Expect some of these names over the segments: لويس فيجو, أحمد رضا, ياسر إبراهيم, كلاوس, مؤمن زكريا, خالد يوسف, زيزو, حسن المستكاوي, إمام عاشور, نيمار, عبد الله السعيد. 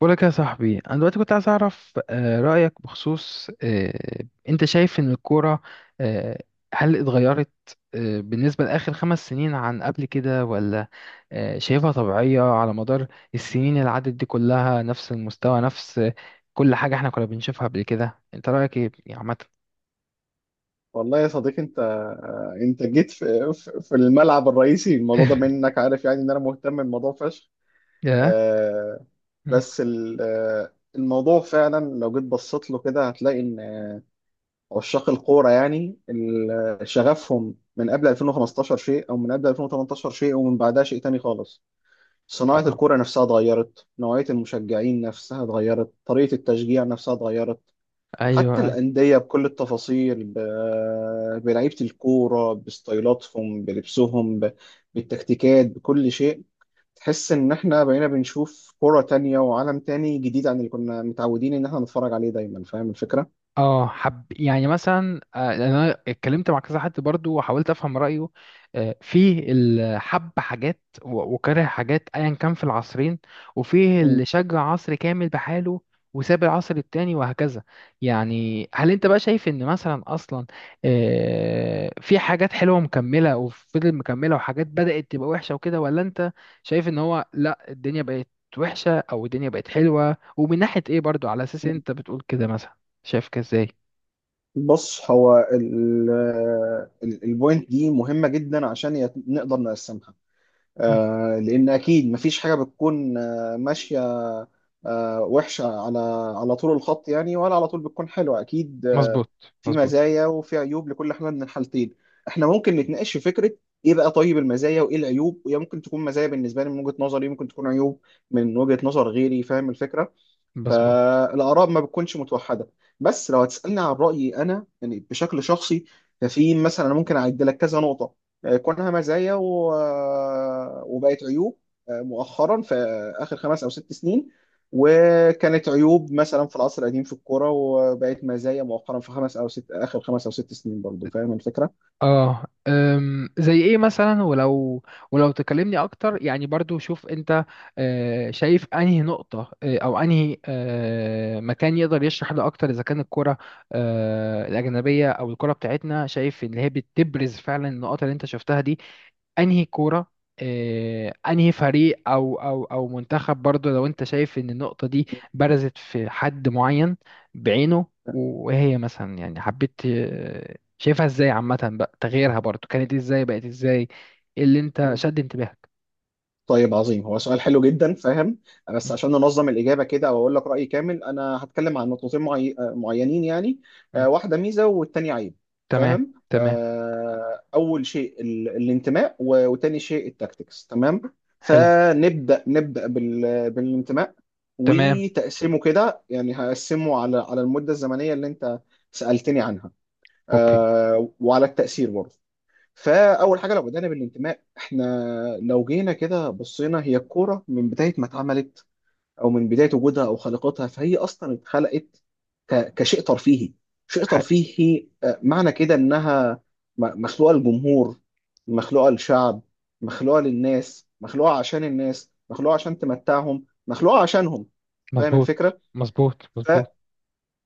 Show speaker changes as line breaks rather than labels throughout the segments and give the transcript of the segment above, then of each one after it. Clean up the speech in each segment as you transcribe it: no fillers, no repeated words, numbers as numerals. بقولك يا صاحبي انا دلوقتي كنت عايز اعرف رايك بخصوص انت شايف ان الكوره آه، هل اتغيرت بالنسبه لاخر خمس سنين عن قبل كده، ولا شايفها طبيعيه على مدار السنين اللي عدت دي كلها، نفس المستوى، نفس كل حاجه احنا كنا بنشوفها قبل كده. انت رايك ايه يعني عامه؟
والله يا صديقي انت جيت في الملعب الرئيسي. الموضوع ده منك عارف يعني ان انا مهتم بالموضوع فشخ.
ياه.
آه،
مم.
بس الموضوع فعلا لو جيت بصيت له كده هتلاقي ان عشاق الكوره يعني شغفهم من قبل 2015 شيء او من قبل 2018 شيء ومن بعدها شيء تاني خالص.
آه.
صناعه
آه.
الكوره نفسها اتغيرت، نوعيه المشجعين نفسها اتغيرت، طريقه التشجيع نفسها اتغيرت.
ايوه
حتى
آه.
الأندية بكل التفاصيل، بلعيبة الكورة، بستايلاتهم، بلبسهم، بالتكتيكات، بكل شيء. تحس إن إحنا بقينا بنشوف كرة تانية وعالم تاني جديد عن اللي كنا متعودين إن إحنا نتفرج عليه دايما. فاهم الفكرة؟
اه، حب يعني مثلا يعني انا اتكلمت مع كذا حد برضو وحاولت افهم رايه. في الحب حاجات و- وكره حاجات، ايا كان في العصرين. وفيه اللي
مم.
شجع عصر كامل بحاله وساب العصر التاني، وهكذا. يعني هل انت بقى شايف ان مثلا اصلا في حاجات حلوة مكملة وفضل مكملة، وحاجات بدأت تبقى وحشة وكده، ولا انت شايف ان هو لا، الدنيا بقت وحشة او الدنيا بقت حلوة؟ ومن ناحية ايه برضو، على اساس انت بتقول كده؟ مثلا شايفك ازاي؟
بص، هو البوينت دي مهمة جدا عشان نقدر نقسمها.
مم.
لان اكيد مفيش حاجه بتكون ماشيه وحشه على طول الخط يعني، ولا على طول بتكون حلوه اكيد.
مظبوط
في
مظبوط.
مزايا وفي عيوب لكل حاجه من الحالتين. احنا ممكن نتناقش في فكره ايه بقى طيب المزايا وايه العيوب، وهي ممكن تكون مزايا بالنسبه لي من وجهه نظري، ممكن تكون عيوب من وجهه نظر غيري. فاهم الفكره.
بس
فالآراء ما بتكونش متوحدة. بس لو هتسألني عن رأيي أنا يعني بشكل شخصي، ففي مثلا أنا ممكن أعد لك كذا نقطة كونها مزايا و... آه، وبقت عيوب مؤخرا في آخر 5 أو 6 سنين، وكانت عيوب مثلا في العصر القديم في الكورة وبقت مزايا مؤخرا في خمس أو ست آخر 5 أو 6 سنين برضو. فاهم الفكرة؟
اه زي ايه مثلا؟ ولو تكلمني اكتر يعني برضو، شوف انت شايف انهي نقطة، او انهي مكان يقدر يشرح ده اكتر، اذا كان الكرة الاجنبية او الكرة بتاعتنا، شايف ان هي بتبرز فعلا النقط اللي انت شفتها دي؟ انهي كورة، انهي فريق او منتخب؟ برضو لو انت شايف ان النقطة دي برزت في حد معين بعينه. وهي مثلا يعني حبيت. شايفها ازاي عامة بقى، تغييرها برضو كانت ازاي بقت ازاي؟ ايه اللي انت شد انتباهك؟
طيب عظيم، هو سؤال حلو جدا، فاهم. بس
مم.
عشان ننظم الإجابة كده أو أقول لك رأيي كامل، أنا هتكلم عن نقطتين معينين يعني.
مم.
واحدة ميزة والتانية عيب،
تمام.
فاهم.
تمام.
أول شيء الانتماء، وتاني شيء التاكتكس، تمام.
حلو.
فنبدأ بالانتماء،
تمام.
وتقسيمه كده يعني، هقسمه على المدة الزمنية اللي أنت سألتني عنها
اوكي.
وعلى التأثير برضه. فاول حاجه لو بدانا بالانتماء، احنا لو جينا كده بصينا هي الكوره من بدايه ما اتعملت او من بدايه وجودها او خلقتها، فهي اصلا اتخلقت كشيء ترفيهي. شيء
حي.
ترفيهي معنى كده انها مخلوقه للجمهور، مخلوقه للشعب، مخلوقه للناس، مخلوقه عشان الناس، مخلوقه عشان تمتعهم، مخلوقه عشانهم. فاهم
مظبوط
الفكره.
مظبوط مظبوط.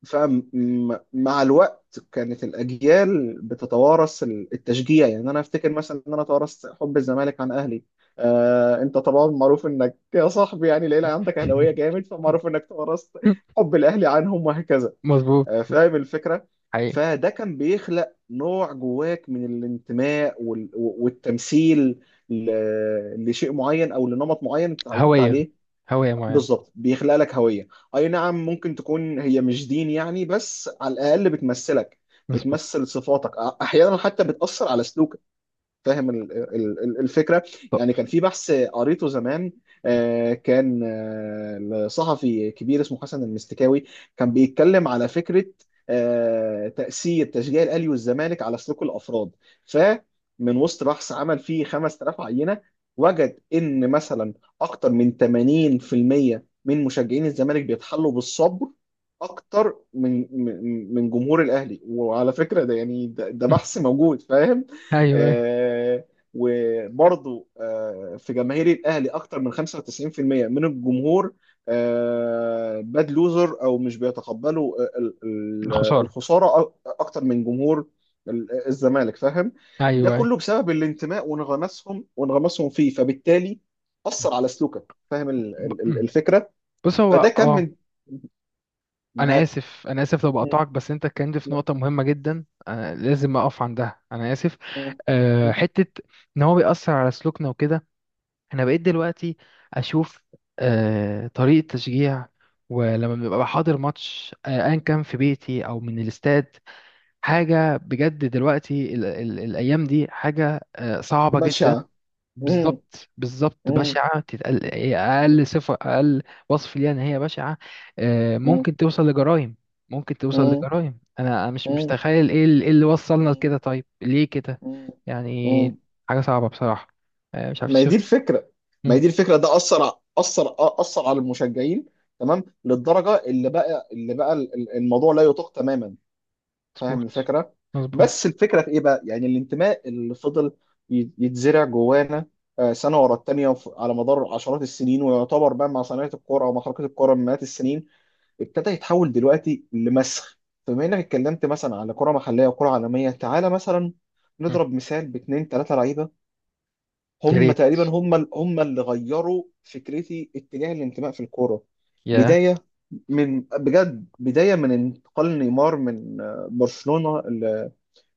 فمع الوقت كانت الأجيال بتتوارث التشجيع، يعني أنا أفتكر مثلا إن أنا توارثت حب الزمالك عن أهلي. أنت طبعا معروف إنك يا صاحبي يعني العيلة عندك أهلاوية جامد، فمعروف إنك توارثت حب الأهلي عنهم وهكذا.
مظبوط.
فاهم الفكرة؟
حقيقي.
فده كان بيخلق نوع جواك من الانتماء والتمثيل لشيء معين أو لنمط معين اتعودت
هوية.
عليه.
هوية معينة.
بالظبط، بيخلق لك هوية. اي نعم، ممكن تكون هي مش دين يعني، بس على الاقل بتمثلك،
مظبوط.
بتمثل صفاتك، احيانا حتى بتأثر على سلوكك. فاهم الفكره. يعني
طب.
كان في بحث قريته زمان، كان لصحفي كبير اسمه حسن المستكاوي. كان بيتكلم على فكره تاثير تشجيع الاهلي والزمالك على سلوك الافراد. فمن وسط بحث عمل فيه 5000 عينه، وجد ان مثلا اكتر من 80% من مشجعين الزمالك بيتحلوا بالصبر اكتر من جمهور الاهلي. وعلى فكره ده يعني ده
مم.
بحث موجود، فاهم.
ايوه أيوة.
وبرضه في جماهير الاهلي اكتر من 95% من الجمهور باد لوزر او مش بيتقبلوا
الخسارة.
الخساره اكتر من جمهور الزمالك، فاهم. ده
ايوه أيوة.
كله بسبب الانتماء وانغماسهم فيه، فبالتالي اثر على سلوكك. فاهم
مم.
الفكره.
بص هو
فده كمل
انا
معاك.
اسف، انا اسف لو
م-
بقطعك، بس انت اتكلمت في
لا.
نقطه مهمه جدا أنا لازم اقف عندها. انا اسف.
م- م-
حته ان هو بيأثر على سلوكنا وكده، انا بقيت دلوقتي اشوف طريقه تشجيع، ولما ببقى حاضر ماتش ايا كان في بيتي او من الاستاد، حاجه بجد. دلوقتي ال ال الايام دي حاجه صعبه جدا.
بشعه. م-
بالظبط بالظبط،
م-
بشعة، تتقل إيه،
م-
أقل صفة، أقل وصف ليها إن هي بشعة.
م-
ممكن توصل لجرائم، ممكن توصل لجرائم. أنا مش
م-
متخيل إيه اللي وصلنا
م-
لكده. طيب ليه كده؟
مم. مم.
يعني حاجة صعبة بصراحة. مش عارف،
ما هي دي
شفت؟
الفكره ما هي
مم،
دي الفكره. ده اثر اثر على المشجعين، تمام، للدرجه اللي بقى الموضوع لا يطاق تماما. فاهم
مظبوط
الفكره. بس
مظبوط.
الفكره في ايه بقى، يعني الانتماء اللي فضل يتزرع جوانا سنه ورا التانيه، على مدار عشرات السنين، ويعتبر بقى مع صناعه الكوره او مع حركه الكوره من مئات السنين، ابتدى يتحول دلوقتي لمسخ. فبما انك اتكلمت مثلا على كره محليه وكره عالميه، تعالى مثلا
مم.
نضرب مثال باتنين تلاته لعيبه.
يا
هم
ريت.
تقريبا هم هم اللي غيروا فكرتي اتجاه الانتماء في الكوره.
يا
بدايه بدايه من انتقال نيمار من برشلونه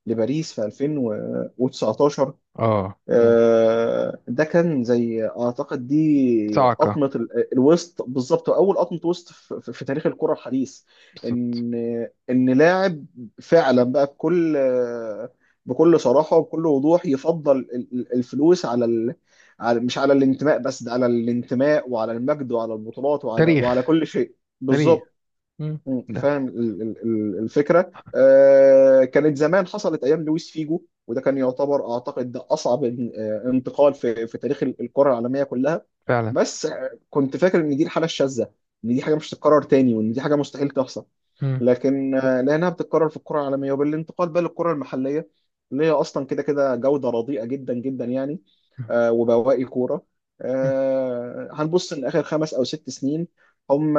لباريس في 2019.
آه مم.
ده كان زي اعتقد دي
صعقة.
قطمه الوسط بالظبط. اول قطمه وسط في تاريخ الكره الحديث.
بالظبط.
ان ان لاعب فعلا بقى بكل صراحه وبكل وضوح يفضل الفلوس على ال... على مش على الانتماء، بس ده على الانتماء وعلى المجد وعلى البطولات وعلى
تاريخ.
كل شيء.
تاريخ.
بالظبط.
مم.
مم.
ده
فاهم الفكره. كانت زمان حصلت ايام لويس فيجو، وده كان يعتبر اعتقد ده اصعب انتقال في تاريخ الكره العالميه كلها.
فعلا.
بس كنت فاكر ان دي الحاله الشاذه، ان دي حاجه مش هتتكرر تاني وان دي حاجه مستحيل تحصل.
مم.
لكن لانها بتتكرر في الكره العالميه، وبالانتقال بقى للكره المحليه اللي هي اصلا كده كده جوده رديئه جدا جدا يعني.
مم.
وبواقي كورة.
مم.
هنبص إن آخر 5 أو 6 سنين هم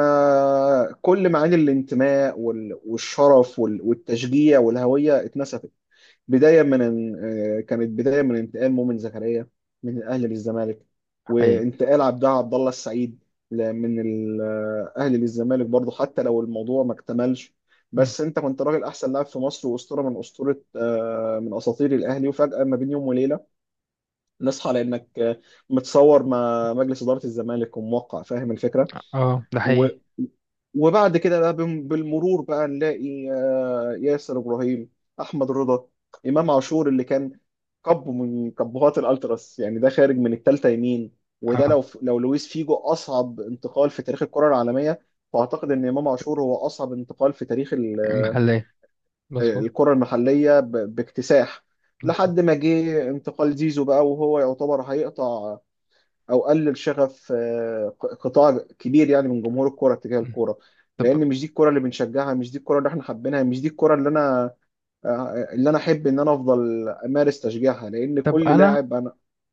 كل معاني الانتماء والشرف والتشجيع والهوية اتنسفت. بداية من إن- آه، كانت بداية من انتقال مؤمن زكريا من الأهلي للزمالك،
حقيقي.
وانتقال عبد الله السعيد من الأهلي للزمالك برضه، حتى لو الموضوع ما اكتملش.
مم.
بس انت كنت راجل، احسن لاعب في مصر، واسطوره من اسطوره آه، من اساطير الاهلي. وفجاه ما بين يوم وليله نصحى لانك متصور مع مجلس اداره الزمالك وموقع. فاهم الفكره.
آه، ده
و...
حقيقي.
وبعد كده بقى بالمرور بقى نلاقي ياسر ابراهيم، احمد رضا، امام عاشور اللي كان كب من كبهات الالتراس يعني. ده خارج من الثالثه يمين. وده
آه،
لو لويس فيجو اصعب انتقال في تاريخ الكره العالميه، فاعتقد ان امام عاشور هو اصعب انتقال في تاريخ
محلات. مظبوط.
الكره المحليه باكتساح.
مظبوط.
لحد ما جه انتقال زيزو بقى، وهو يعتبر هيقطع او قلل شغف قطاع كبير يعني من جمهور الكوره تجاه
مم.
الكوره.
طب.
لان مش دي الكوره اللي بنشجعها، مش دي الكوره اللي احنا حابينها، مش دي الكوره اللي انا آه، اللي انا احب ان انا افضل امارس تشجيعها، لان
طب
كل
انا،
لاعب.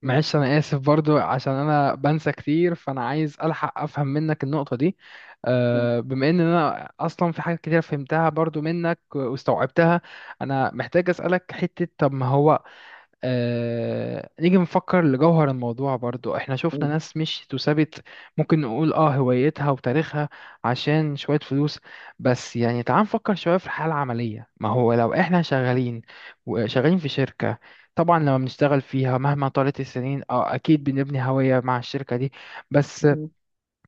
معلش انا اسف برضو عشان انا بنسى كتير، فانا عايز الحق افهم منك النقطة دي. بما ان انا اصلا في حاجات كتير فهمتها برضو منك واستوعبتها، انا محتاج اسألك حتة. طب ما هو نيجي نفكر لجوهر الموضوع. برضو احنا شفنا ناس مش تثبت، ممكن نقول هوايتها وتاريخها عشان شوية فلوس. بس يعني تعال نفكر شوية في الحالة العملية. ما هو لو احنا شغالين، وشغالين في شركة، طبعا لما بنشتغل فيها مهما طالت السنين، اكيد بنبني هوية مع الشركة دي. بس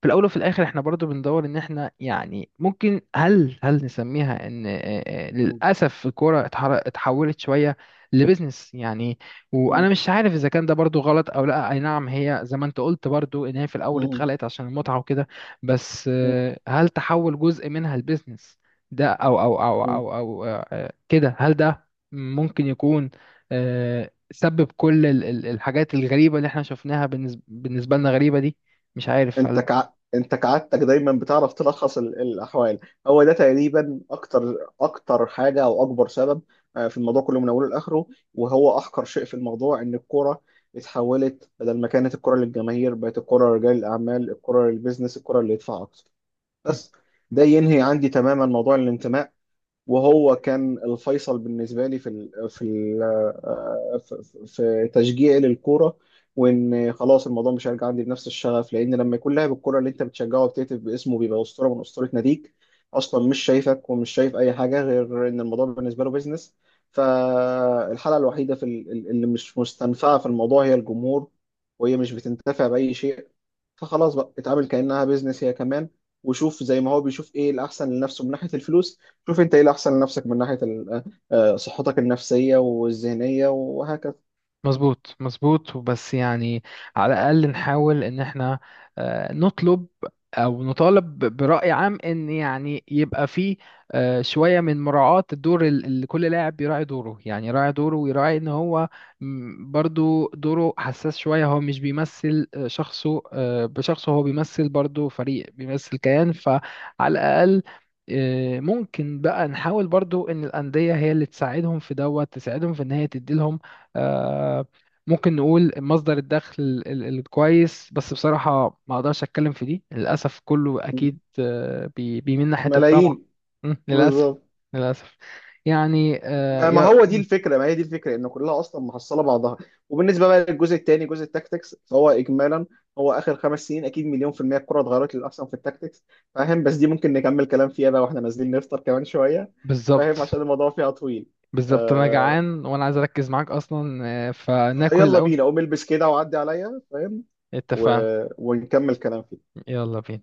في الاول وفي الاخر احنا برضو بندور ان احنا يعني ممكن، هل نسميها ان للاسف الكوره اتحولت شويه لبزنس يعني. وانا مش عارف اذا كان ده برضو غلط او لا. اي نعم، هي زي ما انت قلت برضو ان هي في الاول اتخلقت عشان المتعه وكده، بس
انا
هل تحول جزء منها لبزنس ده او كده، هل ده ممكن يكون سبب كل الحاجات الغريبه اللي احنا شفناها، بالنسبه لنا غريبه دي؟ مش عارف،
انت
هل.
كع... انت كعادتك دايما بتعرف تلخص الاحوال. هو ده تقريبا اكتر حاجه او اكبر سبب في الموضوع كله من اوله لاخره. وهو احقر شيء في الموضوع ان الكوره اتحولت بدل ما كانت الكوره للجماهير بقت الكوره لرجال الاعمال، الكوره للبيزنس، الكوره اللي يدفع اكتر
مم.
بس. ده ينهي عندي تماما موضوع الانتماء، وهو كان الفيصل بالنسبه لي في ال في ال آه، في في تشجيعي للكوره. وان خلاص الموضوع مش هيرجع عندي بنفس الشغف، لان لما يكون لاعب الكوره اللي انت بتشجعه وبتهتف باسمه بيبقى اسطوره من اسطوره ناديك، اصلا مش شايفك ومش شايف اي حاجه غير ان الموضوع بالنسبه له بيزنس. فالحاله الوحيده في اللي مش مستنفعه في الموضوع هي الجمهور، وهي مش بتنتفع باي شيء. فخلاص بقى اتعامل كأنها بيزنس هي كمان، وشوف زي ما هو بيشوف ايه الأحسن لنفسه من ناحية الفلوس، شوف انت ايه الأحسن لنفسك من ناحية صحتك النفسية والذهنية وهكذا.
مظبوط مظبوط. وبس يعني، على الأقل نحاول إن احنا نطلب أو نطالب ب- برأي عام إن يعني يبقى فيه شوية من مراعاة الدور، اللي كل لاعب يراعي دوره. يعني يراعي دوره ويراعي إن هو برضو دوره حساس شوية. هو مش بيمثل شخصه بشخصه، هو بيمثل برضو فريق، بيمثل كيان. فعلى الأقل ممكن بقى نحاول برضو إن الأندية هي اللي تساعدهم في إن هي تديلهم آه، ممكن نقول مصدر الدخل الكويس. بس بصراحة ما اقدرش اتكلم في دي، للأسف كله اكيد بيميل حتة الطمع.
ملايين.
للأسف
بالظبط.
للأسف. يعني يا مم،
ما هي دي الفكرة ان كلها أصلا محصلة بعضها. وبالنسبة بقى للجزء الثاني، جزء التاكتكس، فهو إجمالا هو آخر 5 سنين أكيد مليون في المية الكرة اتغيرت للأحسن في التاكتكس، فاهم. بس دي ممكن نكمل كلام فيها بقى واحنا نازلين نفطر كمان شوية. فاهم،
بالظبط
عشان الموضوع فيها طويل. ف...
بالظبط، انا جعان وانا عايز اركز معاك اصلا. فناكل
يلا
الاول.
بينا، قوم البس كده وعدي عليا، فاهم. و...
اتفقنا.
ونكمل كلام فيه.
يلا بينا.